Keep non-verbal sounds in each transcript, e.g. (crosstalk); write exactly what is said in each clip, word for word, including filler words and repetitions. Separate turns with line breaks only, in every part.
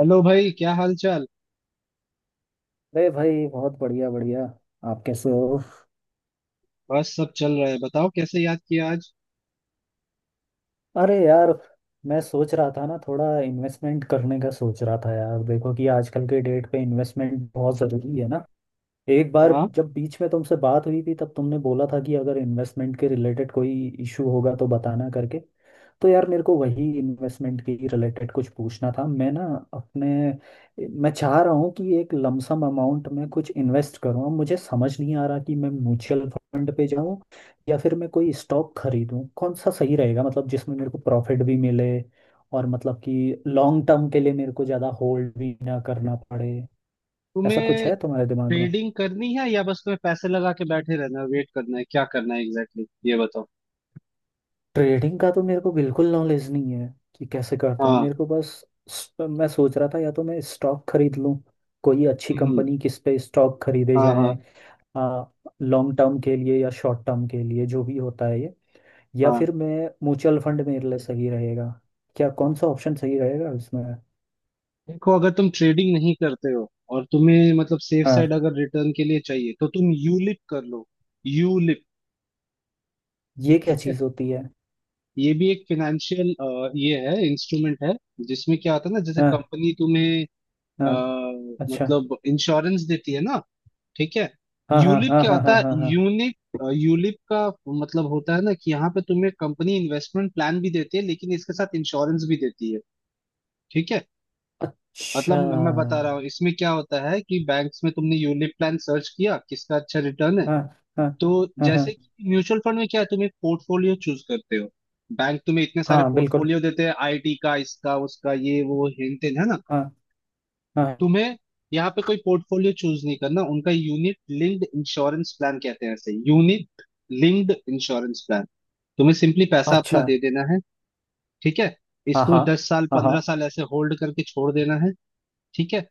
Hello भाई, क्या हाल चाल।
अरे भाई, बहुत बढ़िया बढ़िया। आप कैसे हो?
बस सब चल रहा है, बताओ कैसे याद किया आज।
अरे यार, मैं सोच रहा था ना, थोड़ा इन्वेस्टमेंट करने का सोच रहा था यार। देखो कि आजकल के डेट पे इन्वेस्टमेंट बहुत ज़रूरी है ना। एक बार
हाँ,
जब बीच में तुमसे बात हुई थी तब तुमने बोला था कि अगर इन्वेस्टमेंट के रिलेटेड कोई इशू होगा तो बताना करके। तो यार, मेरे को वही इन्वेस्टमेंट के रिलेटेड कुछ पूछना था। मैं ना अपने, मैं चाह रहा हूँ कि एक लमसम अमाउंट में कुछ इन्वेस्ट करूँ। अब मुझे समझ नहीं आ रहा कि मैं म्यूचुअल फंड पे जाऊँ या फिर मैं कोई स्टॉक खरीदूँ, कौन सा सही रहेगा? मतलब जिसमें मेरे को प्रॉफिट भी मिले और मतलब कि लॉन्ग टर्म के लिए मेरे को ज़्यादा होल्ड भी ना करना पड़े, ऐसा कुछ
तुम्हें
है तुम्हारे दिमाग में।
ट्रेडिंग करनी है या बस तुम्हें पैसे लगा के बैठे रहना है, वेट करना है, क्या करना है एग्जैक्टली exactly? ये बताओ।
ट्रेडिंग का तो मेरे को बिल्कुल नॉलेज नहीं है कि कैसे करते हैं।
हाँ।
मेरे को बस स- मैं सोच रहा था, या तो मैं स्टॉक खरीद लूं कोई अच्छी
हम्म।
कंपनी। किस पे स्टॉक खरीदे
हाँ, हाँ,
जाएं, लॉन्ग टर्म के लिए या शॉर्ट टर्म के लिए, जो भी होता है ये? या
हाँ।
फिर मैं म्यूचुअल फंड, मेरे लिए सही रहेगा क्या? कौन सा ऑप्शन सही रहेगा इसमें?
देखो, अगर तुम ट्रेडिंग नहीं करते हो और तुम्हें मतलब सेफ
हाँ,
साइड अगर रिटर्न के लिए चाहिए, तो तुम यूलिप कर लो। यूलिप।
ये क्या
ठीक है।
चीज़ होती है?
ये भी एक फिनेंशियल ये है, इंस्ट्रूमेंट है, जिसमें क्या होता है ना, जैसे
हाँ,
कंपनी तुम्हें अ,
हाँ। अच्छा।
मतलब इंश्योरेंस देती है ना। ठीक है।
हाँ, हाँ,
यूलिप
हाँ,
क्या
हाँ,
होता
हाँ,
है,
हाँ, हाँ।
यूनिक। यूलिप का मतलब होता है ना कि यहाँ पे तुम्हें कंपनी इन्वेस्टमेंट प्लान भी देती है, लेकिन इसके साथ इंश्योरेंस भी देती है। ठीक है। मतलब
अच्छा,
मैं मैं बता रहा हूँ
हाँ।
इसमें क्या होता है कि बैंक्स में तुमने यूलिप प्लान सर्च किया, किसका अच्छा रिटर्न है।
हाँ, हाँ,
तो जैसे
हाँ,
कि म्यूचुअल फंड में क्या है, तुम एक पोर्टफोलियो चूज करते हो। बैंक तुम्हें इतने सारे
हाँ, बिल्कुल।
पोर्टफोलियो देते हैं, आईटी का, इसका, उसका, ये वो हिंट है ना।
हाँ। हाँ, हाँ।
तुम्हें यहाँ पे कोई पोर्टफोलियो चूज नहीं करना। उनका यूनिट लिंक्ड इंश्योरेंस प्लान कहते हैं, ऐसे यूनिट लिंक्ड इंश्योरेंस प्लान। तुम्हें सिंपली पैसा
अच्छा,
अपना दे देना है। ठीक है।
हाँ
इसको
हाँ
दस साल
हाँ
पंद्रह
हाँ
साल ऐसे होल्ड करके छोड़ देना है। ठीक है।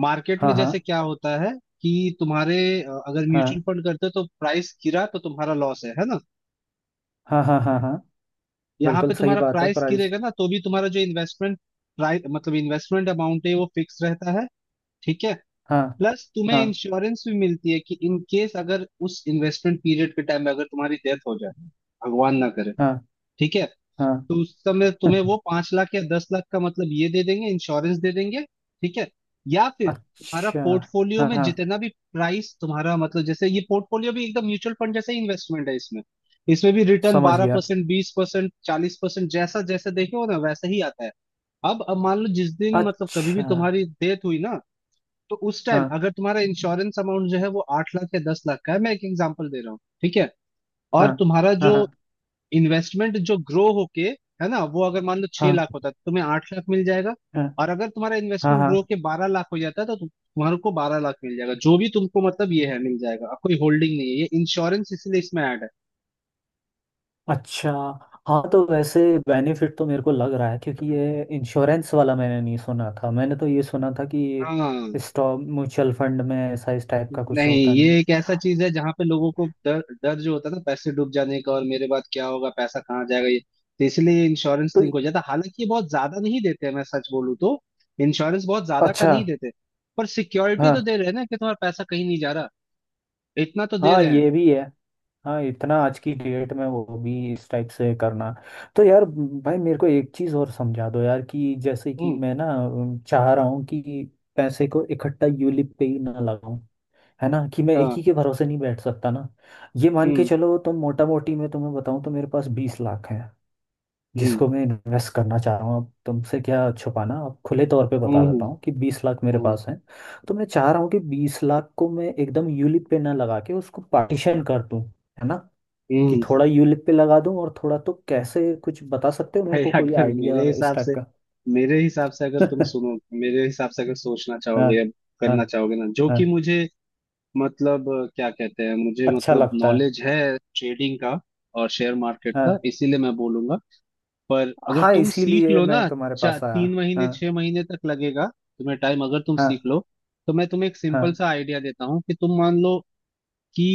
मार्केट
हाँ,
में
हाँ,
जैसे क्या होता है कि तुम्हारे अ, अगर म्यूचुअल
हाँ,
फंड करते हो तो प्राइस गिरा तो तुम्हारा लॉस है है ना।
हाँ, हाँ, हाँ, हाँ।
यहाँ
बिल्कुल
पे
सही
तुम्हारा
बात है,
प्राइस
प्राइस।
गिरेगा ना तो भी तुम्हारा जो इन्वेस्टमेंट प्राइस, मतलब इन्वेस्टमेंट अमाउंट है वो फिक्स रहता है। ठीक है।
हाँ।
प्लस तुम्हें
हाँ,
इंश्योरेंस भी मिलती है कि इन केस अगर उस इन्वेस्टमेंट पीरियड के टाइम में अगर तुम्हारी डेथ हो जाए, भगवान ना करे,
हाँ,
ठीक है,
हाँ,
तो उस समय तुम्हें वो
(laughs)
पांच लाख या दस लाख का मतलब ये दे देंगे, इंश्योरेंस दे देंगे। ठीक है। या फिर तुम्हारा
अच्छा।
पोर्टफोलियो
हाँ,
में
हाँ।
जितना भी प्राइस तुम्हारा, मतलब जैसे ये पोर्टफोलियो भी एकदम म्यूचुअल फंड जैसा ही इन्वेस्टमेंट है इसमें। इसमें भी रिटर्न
समझ
बारह
गया।
परसेंट बीस परसेंट चालीस परसेंट जैसा जैसा देखे हो ना, वैसा ही आता है। अब अब मान लो जिस दिन, मतलब कभी
अच्छा।
भी तुम्हारी डेथ हुई ना, तो उस टाइम
हाँ,
अगर तुम्हारा इंश्योरेंस अमाउंट जो है वो आठ लाख या दस लाख का है, मैं एक एग्जांपल दे रहा हूँ, ठीक है,
हाँ,
और तुम्हारा
हाँ,
जो
हाँ,
इन्वेस्टमेंट जो ग्रो होके है ना, वो अगर मान लो छह
हाँ,
लाख होता है तो तुम्हें आठ लाख मिल जाएगा।
हाँ,
और अगर तुम्हारा
हाँ,
इन्वेस्टमेंट
हाँ।
ग्रो के बारह लाख हो जाता है, तो तुम- तुम्हारे को बारह लाख मिल जाएगा। जो भी तुमको मतलब ये है मिल जाएगा। अब कोई होल्डिंग नहीं है, ये इंश्योरेंस इसीलिए इसमें ऐड है।
अच्छा, हाँ, तो वैसे बेनिफिट तो मेरे को लग रहा है, क्योंकि ये इंश्योरेंस वाला मैंने नहीं सुना था। मैंने तो ये सुना था कि
हाँ।
स्टॉक म्यूचुअल फंड में ऐसा इस टाइप का कुछ
नहीं,
होता नहीं
ये
है,
एक ऐसा चीज है जहां पे लोगों को डर डर जो होता था पैसे डूब जाने का और मेरे बाद क्या होगा, पैसा कहाँ जाएगा, ये तो इसलिए इंश्योरेंस
तो।
लिंक हो जाता। हालांकि ये बहुत ज्यादा नहीं देते हैं, मैं सच बोलूँ तो। इंश्योरेंस बहुत ज्यादा का
अच्छा।
नहीं देते, पर सिक्योरिटी तो
हाँ,
दे रहे हैं ना कि तुम्हारा पैसा कहीं नहीं जा रहा। इतना तो दे
हाँ,
रहे हैं।
ये भी है। हाँ, इतना आज की डेट में वो भी इस टाइप से करना। तो यार, भाई मेरे को एक चीज़ और समझा दो यार, कि जैसे कि
हम्म।
मैं ना अम, चाह रहा हूँ कि पैसे को इकट्ठा यूलिप पे ही ना लगाऊं। है ना, कि मैं एक
हाँ।
ही के भरोसे नहीं बैठ सकता ना। ये मान के
हम्म।
चलो, तुम मोटा मोटी मैं तुम्हें बताऊं तो मेरे पास बीस लाख है
हम्म।
जिसको मैं इन्वेस्ट करना चाह रहा हूँ। अब तुमसे क्या छुपाना, अब खुले तौर पे
हम्म।
बता
हम्म।
देता हूँ कि बीस लाख मेरे
हम्म।
पास है। तो मैं चाह रहा हूँ कि बीस लाख को मैं एकदम यूलिप पे ना लगा के उसको पार्टीशन कर दूं। है ना, कि
हम्म।
थोड़ा यूलिप पे लगा दूं और थोड़ा, तो कैसे, कुछ बता सकते हो मेरे
भाई,
को कोई
अगर
आइडिया
मेरे
इस
हिसाब
टाइप
से,
का?
मेरे हिसाब से अगर तुम सुनो,
(laughs)
मेरे हिसाब से अगर सोचना
हाँ,
चाहोगे या
हाँ,
करना चाहोगे ना, जो
हाँ।
कि मुझे मतलब अ, क्या कहते हैं, मुझे
अच्छा
मतलब
लगता है।
नॉलेज है ट्रेडिंग का और शेयर मार्केट का,
हाँ,
इसीलिए मैं बोलूंगा। पर अगर
हाँ,
तुम सीख
इसीलिए
लो
मैं
ना,
तुम्हारे
चा
पास आया।
तीन महीने
हाँ,
छह महीने तक लगेगा तुम्हें टाइम, अगर तुम सीख
हाँ,
लो, तो मैं तुम्हें एक सिंपल
हाँ,
सा आइडिया देता हूँ कि तुम मान लो कि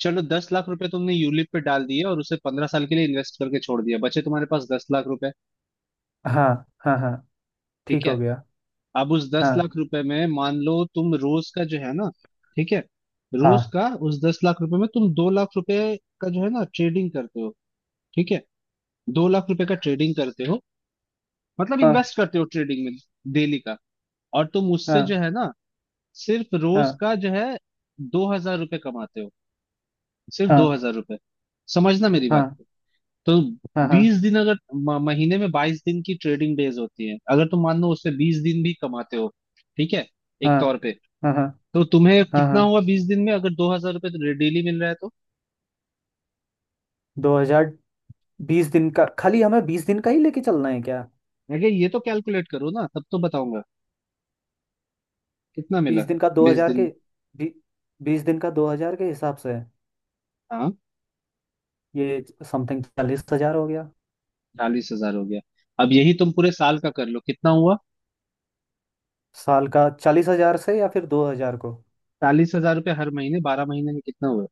चलो दस लाख रुपए तुमने यूलिप पे डाल दिए और उसे पंद्रह साल के लिए इन्वेस्ट करके छोड़ दिया, बचे तुम्हारे पास दस लाख रुपए।
हाँ, हाँ, हाँ।
ठीक
ठीक
है।
हो गया।
अब उस दस
हाँ,
लाख रुपए में मान लो तुम रोज का जो है ना, ठीक है, रोज
हाँ,
का उस दस लाख रुपए में तुम दो लाख रुपए का जो है ना ट्रेडिंग करते हो, ठीक है, दो लाख रुपए का ट्रेडिंग करते हो, मतलब
हाँ,
इन्वेस्ट करते हो ट्रेडिंग में, डेली का। और तुम उससे जो
हाँ,
है ना सिर्फ रोज
हाँ,
का जो है दो हजार रुपये कमाते हो, सिर्फ दो
हाँ,
हजार रुपये समझना मेरी बात
हाँ,
को। तो
हाँ, हाँ, हाँ,
बीस दिन, अगर म- महीने में बाईस दिन की ट्रेडिंग डेज होती है, अगर तुम मान लो उससे बीस दिन भी कमाते हो, ठीक है, एक तौर पे,
हाँ, हाँ,
तो तुम्हें
हाँ,
कितना
हाँ।
हुआ बीस दिन में अगर दो हजार रुपये तो डेली मिल रहा है तो।
दो हजार, बीस दिन का? खाली हमें बीस दिन का ही लेके चलना है क्या?
अगर ये तो कैलकुलेट करो ना, तब तो बताऊंगा कितना मिला
बीस दिन का दो
बीस
हजार
दिन
के,
में।
बी, बीस दिन का दो हजार के हिसाब से
हाँ,
ये समथिंग चालीस हजार हो गया।
चालीस हजार हो गया। अब यही तुम पूरे साल का कर लो कितना हुआ।
साल का चालीस हजार से, या फिर दो हजार को?
चालीस हजार रुपये हर महीने, बारह महीने में कितना हुआ?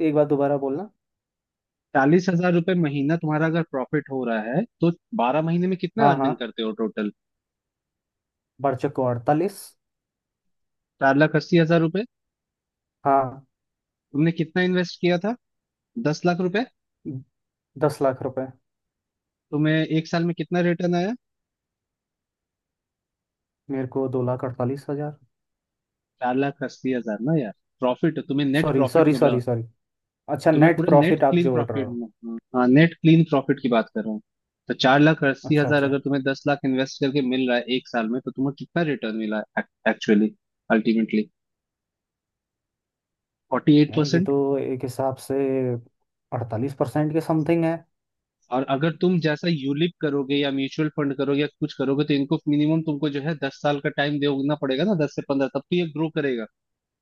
एक बार दोबारा बोलना।
चालीस हजार रुपये महीना तुम्हारा अगर प्रॉफिट हो रहा है तो बारह महीने में कितना
हाँ, हाँ।
अर्निंग करते हो टोटल?
बच्चे को अड़तालीस।
चार लाख अस्सी हजार रुपये।
हाँ।
तुमने कितना इन्वेस्ट किया था? दस लाख रुपए।
दस लाख रुपए।
तुम्हें एक साल में कितना रिटर्न आया?
मेरे को दो लाख अड़तालीस हजार।
चार लाख अस्सी हजार ना यार, प्रॉफिट, तुम्हें नेट
सॉरी, सॉरी,
प्रॉफिट मिला।
Sorry, sorry. अच्छा,
तो मैं
नेट
पूरे नेट
प्रॉफिट आप
क्लीन
जोड़ रहे
प्रॉफिट
हो।
में, हाँ, नेट क्लीन प्रॉफिट की बात कर रहा हूँ। तो चार लाख अस्सी
अच्छा,
हजार
अच्छा।
अगर तुम्हें दस लाख इन्वेस्ट करके मिल रहा है एक साल में तो तुम्हें कितना रिटर्न मिला एक्चुअली? अल्टीमेटली फोर्टी एट
यार, ये
परसेंट
तो एक हिसाब से अड़तालीस परसेंट के समथिंग है।
और अगर तुम जैसा यूलिप करोगे या म्यूचुअल फंड करोगे या कुछ करोगे, तो इनको मिनिमम तुमको जो है दस साल का टाइम देना पड़ेगा ना, दस से पंद्रह, तब तो ये ग्रो करेगा।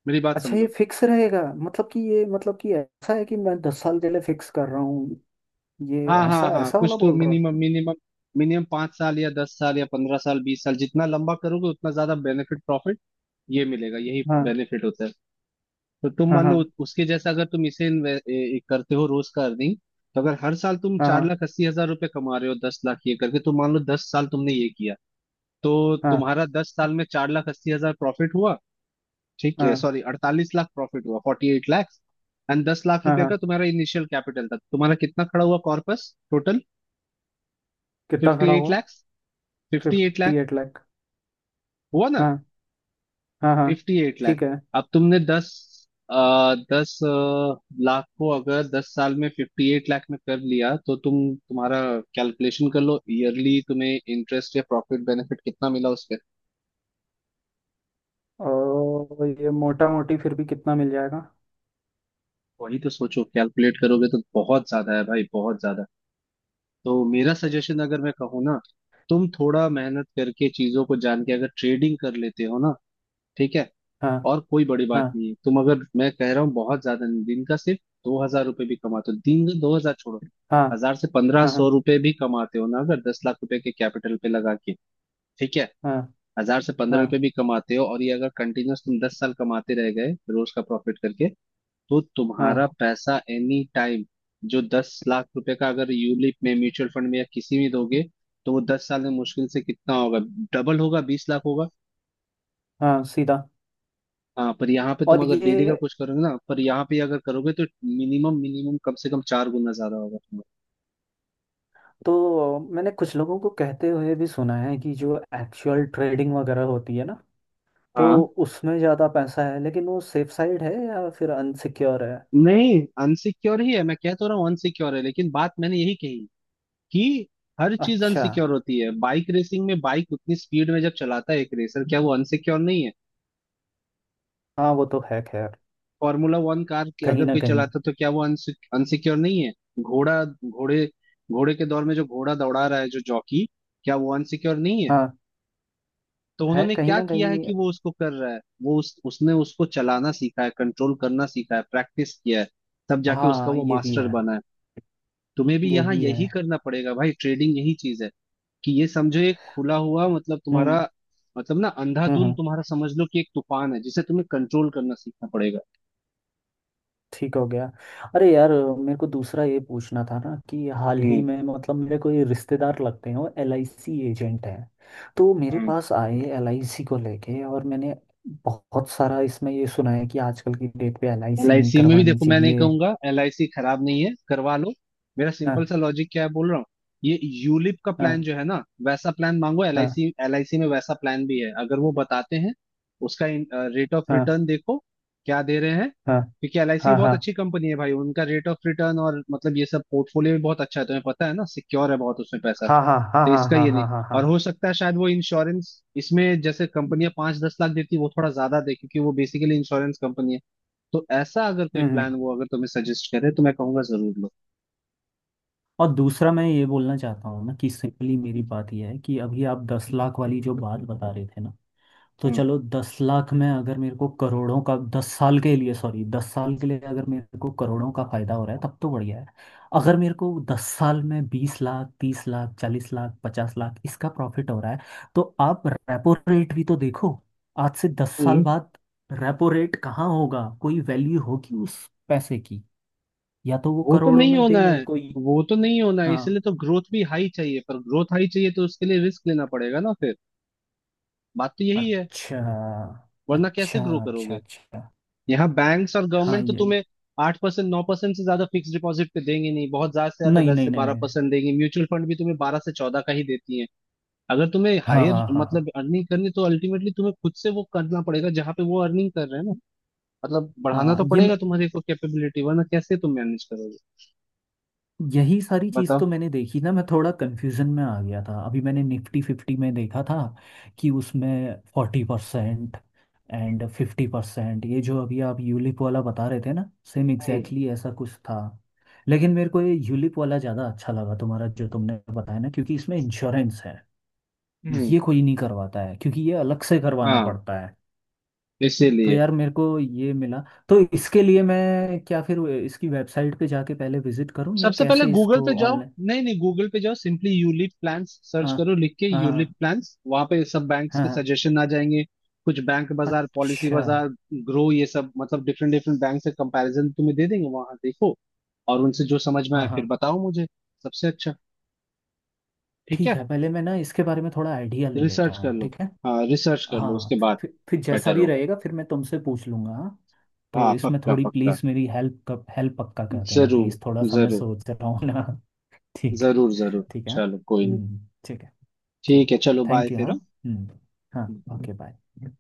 मेरी बात
अच्छा, ये
समझो।
फिक्स रहेगा, मतलब कि ये, मतलब कि ऐसा है कि मैं दस साल के लिए फिक्स कर रहा हूँ, ये
हाँ, हाँ,
ऐसा
हाँ,
ऐसा वाला
कुछ तो
बोल रहा
मिनिमम।
हूँ।
मिनिमम मिनिमम पांच साल या दस साल या पंद्रह साल बीस साल, जितना लंबा करोगे उतना ज्यादा बेनिफिट, प्रॉफिट ये मिलेगा, यही
हाँ,
बेनिफिट होता है। तो तुम
हाँ,
मान लो
हाँ,
उ- उसके जैसा अगर तुम इसे इन्वे- ए- ए- करते हो, रोज का अर्निंग, तो अगर हर साल तुम
हाँ,
चार
हाँ,
लाख अस्सी हजार रुपए कमा रहे हो दस लाख ये करके, तो मान लो दस साल तुमने ये किया, तो
हाँ,
तुम्हारा दस साल में चार लाख अस्सी हजार प्रॉफिट हुआ। ठीक है,
हाँ,
सॉरी, अड़तालीस लाख प्रॉफिट हुआ, फोर्टी एट लाख। एंड दस लाख
हाँ,
रुपए का
हाँ।
तुम्हारा इनिशियल कैपिटल था, तुम्हारा कितना खड़ा हुआ कॉर्पस टोटल?
कितना
फिफ्टी
खड़ा
एट
हुआ?
Lakh fifty eight
fifty
lakh
eight lakh
हुआ ना?
हाँ, हाँ, हाँ।
Fifty eight lakh.
ठीक है।
अब तुमने दस आ, दस अ, लाख को अगर दस साल में फिफ्टी एट लाख में कर लिया, तो तुम तुम्हारा कैलकुलेशन कर लो ईयरली तुम्हें इंटरेस्ट या प्रॉफिट बेनिफिट कितना मिला उस पे।
और ये मोटा मोटी फिर भी कितना मिल जाएगा?
वही तो सोचो, कैलकुलेट करोगे तो बहुत ज्यादा है भाई, बहुत ज्यादा। तो मेरा सजेशन अगर मैं कहूँ ना, तुम थोड़ा मेहनत करके चीजों को जान के अगर ट्रेडिंग कर लेते हो ना, ठीक है,
हाँ,
और कोई बड़ी बात
हाँ,
नहीं है, तुम अगर, मैं कह रहा हूँ, बहुत ज्यादा नहीं, दिन का सिर्फ दो हजार रुपये भी कमाते हो, दिन का दो हजार छोड़ो,
हाँ,
हजार से पंद्रह सौ
हाँ,
रुपये भी कमाते हो ना अगर दस लाख रुपए के कैपिटल पे लगा के, ठीक है,
हाँ,
हजार से पंद्रह
हाँ,
रुपए भी कमाते हो और ये अगर कंटिन्यूस तुम दस साल कमाते रह गए रोज का प्रॉफिट करके, तो तुम्हारा
हाँ,
पैसा एनी टाइम जो दस लाख रुपए का अगर यूलिप में म्यूचुअल फंड में या किसी में दोगे तो वो दस साल में मुश्किल से कितना होगा? डबल होगा, बीस लाख होगा।
हाँ सीधा।
हाँ, पर यहाँ पे तुम
और
अगर डेली का
ये,
कुछ करोगे ना, पर यहाँ पे अगर करोगे तो मिनिमम मिनिमम कम से कम चार गुना ज्यादा होगा तुम्हारा।
तो मैंने कुछ लोगों को कहते हुए भी सुना है कि जो एक्चुअल ट्रेडिंग वगैरह होती है ना, तो
हाँ,
उसमें ज़्यादा पैसा है, लेकिन वो सेफ साइड है या फिर अनसिक्योर है?
नहीं, अनसिक्योर ही है, मैं कह तो रहा हूँ अनसिक्योर है, लेकिन बात मैंने यही कही कि हर चीज
अच्छा।
अनसिक्योर होती है। बाइक रेसिंग में बाइक उतनी स्पीड में जब चलाता है एक रेसर, क्या वो अनसिक्योर नहीं है?
हाँ, वो तो है खैर,
फॉर्मूला वन कार की
कहीं
अगर
ना
कोई
कहीं।
चलाता तो क्या वो अनसिक्योर नहीं है? घोड़ा घोड़े घोड़े के दौर में जो घोड़ा दौड़ा रहा है जो जॉकी, क्या वो अनसिक्योर नहीं है?
हाँ,
तो
है
उन्होंने
कहीं
क्या
ना
किया है
कहीं।
कि वो उसको कर रहा है, वो उस, उसने उसको चलाना सीखा है, कंट्रोल करना सीखा है, प्रैक्टिस किया है, तब जाके उसका
हाँ,
वो
ये भी
मास्टर
है।
बना है। तुम्हें भी
ये
यहाँ
भी है।
यही करना पड़ेगा भाई, ट्रेडिंग यही चीज है। कि ये समझो एक खुला हुआ मतलब तुम्हारा,
हम्म,
मतलब ना
हम्म,
अंधाधुंध
हम्म,
तुम्हारा, समझ लो कि एक तूफान है जिसे तुम्हें कंट्रोल करना सीखना पड़ेगा।
ठीक हो गया। अरे यार, मेरे को दूसरा ये पूछना था ना, कि हाल ही
हम्म।
में मतलब मेरे कोई रिश्तेदार लगते हैं, वो एल आई सी एजेंट हैं। तो वो मेरे
हम्म।
पास आए एल आई सी को लेके, और मैंने बहुत सारा इसमें ये सुना है कि आजकल की डेट पे L I
L
C
I
नहीं
सी में भी
करवानी
देखो, मैं नहीं
चाहिए।
कहूंगा, एल आई सी खराब नहीं है, करवा लो। मेरा सिंपल
हाँ,
सा लॉजिक क्या है बोल रहा हूँ। ये यूलिप का प्लान
हाँ,
जो है ना, वैसा प्लान मांगो एल आई
हाँ,
सी, एल आई सी में वैसा प्लान भी है, अगर वो बताते हैं उसका, रेट ऑफ
हाँ,
रिटर्न देखो क्या दे रहे हैं,
हाँ,
क्योंकि एल आई सी बहुत
हाँ,
अच्छी कंपनी है भाई, उनका रेट ऑफ रिटर्न और मतलब ये सब पोर्टफोलियो भी बहुत अच्छा है, तुम्हें पता है ना, सिक्योर है बहुत उसमें पैसा।
हाँ, हाँ, हाँ,
तो
हाँ,
इसका
हाँ,
ये नहीं,
हाँ, हाँ, हाँ,
और
हाँ।
हो सकता है शायद वो इंश्योरेंस इसमें जैसे कंपनियां पांच दस लाख देती है, वो थोड़ा ज्यादा दे, क्योंकि वो बेसिकली इंश्योरेंस कंपनी है। तो ऐसा अगर कोई
हम्म, हम्म।
प्लान वो अगर तुम्हें सजेस्ट करे तो मैं कहूंगा जरूर लो।
और दूसरा मैं ये बोलना चाहता हूँ ना, कि सिंपली मेरी बात यह है कि अभी आप दस लाख वाली जो बात बता रहे थे ना, तो
हम्म।
चलो दस लाख में अगर मेरे को करोड़ों का दस साल के लिए, सॉरी, दस साल के लिए अगर मेरे को करोड़ों का फायदा हो रहा है तब तो बढ़िया है। अगर मेरे को दस साल में बीस लाख, तीस लाख, चालीस लाख, पचास लाख इसका प्रॉफिट हो रहा है, तो आप रेपो रेट भी तो देखो। आज से दस साल
हम्म।
बाद रेपो रेट कहाँ होगा, कोई वैल्यू होगी उस पैसे की? या तो वो
वो तो
करोड़ों
नहीं
में दे
होना है,
मेरे को ही।
वो तो नहीं होना है,
हाँ।
इसलिए तो ग्रोथ भी हाई चाहिए, पर ग्रोथ हाई चाहिए तो उसके लिए रिस्क लेना पड़ेगा ना फिर, बात तो यही है।
अच्छा,
वरना कैसे
अच्छा,
ग्रो
अच्छा,
करोगे?
अच्छा।
यहाँ बैंक्स और
हाँ,
गवर्नमेंट तो
ये।
तुम्हें आठ परसेंट नौ परसेंट से ज्यादा फिक्स डिपॉजिट पे देंगे नहीं, बहुत ज्यादा से ज्यादा
नहीं,
दस
नहीं,
से
नहीं,
बारह
नहीं।
परसेंट देंगी, म्यूचुअल फंड भी तुम्हें बारह से चौदह का ही देती है। अगर तुम्हें
हाँ,
हायर
हाँ, हाँ, हाँ,
मतलब अर्निंग करनी है, तो अल्टीमेटली तुम्हें खुद से वो करना पड़ेगा जहां पे वो अर्निंग कर रहे हैं ना, मतलब बढ़ाना
हाँ।
तो
ये
पड़ेगा
म-
तुम्हारी को कैपेबिलिटी, वरना कैसे तुम मैनेज करोगे?
यही सारी चीज़
बताओ।
तो मैंने देखी ना, मैं थोड़ा कंफ्यूजन में आ गया था। अभी मैंने निफ्टी फिफ्टी में देखा था कि उसमें forty percent and fifty percent, ये जो अभी आप यूलिप वाला बता रहे थे ना, सेम
हम्म।
एग्जैक्टली exactly ऐसा कुछ था। लेकिन मेरे को ये यूलिप वाला ज़्यादा अच्छा लगा तुम्हारा, जो तुमने बताया ना, क्योंकि इसमें इंश्योरेंस है।
हम्म।
ये कोई नहीं करवाता है क्योंकि ये अलग से करवाना
हाँ।
पड़ता है। तो
इसीलिए
यार, मेरे को ये मिला। तो इसके लिए मैं क्या फिर इसकी वेबसाइट पे जाके पहले विजिट करूं, या
सबसे पहले
कैसे
गूगल पे
इसको
जाओ,
ऑनलाइन?
नहीं नहीं गूगल पे जाओ, सिंपली यूलिप प्लान्स सर्च
हाँ,
करो लिख के, यूलिप
हाँ,
प्लान्स, वहां पे सब बैंक्स के
हाँ।
सजेशन आ जाएंगे। कुछ बैंक बाजार, पॉलिसी
अच्छा।
बाजार, ग्रो, ये सब मतलब डिफरेंट डिफरेंट बैंक से कंपैरिजन तुम्हें दे देंगे, वहां देखो। और उनसे जो समझ में आए
हाँ,
फिर
हाँ।
बताओ मुझे, सबसे अच्छा। ठीक
ठीक
है?
है, पहले मैं ना इसके बारे में थोड़ा आइडिया ले लेता
रिसर्च कर
हूँ।
लो।
ठीक है।
हाँ, रिसर्च कर लो,
हाँ,
उसके बाद
फिर फिर जैसा
बेटर
भी
होगा।
रहेगा फिर मैं तुमसे पूछ लूंगा। हाँ, तो
हाँ,
इसमें
पक्का
थोड़ी
पक्का,
प्लीज़ मेरी हेल्प कर हेल्प पक्का कर देना प्लीज़, थोड़ा
जरूर
सा मैं
जरूर,
सोच रहा हूँ ना। (laughs) ठीक है।
जरूर जरूर।
ठीक है।
चलो, कोई नहीं।
हम्म। ठीक है। ठीक।
ठीक है, चलो बाय
थैंक यू। हाँ।
फिर, हाँ?
हम्म। हाँ। Okay, bye.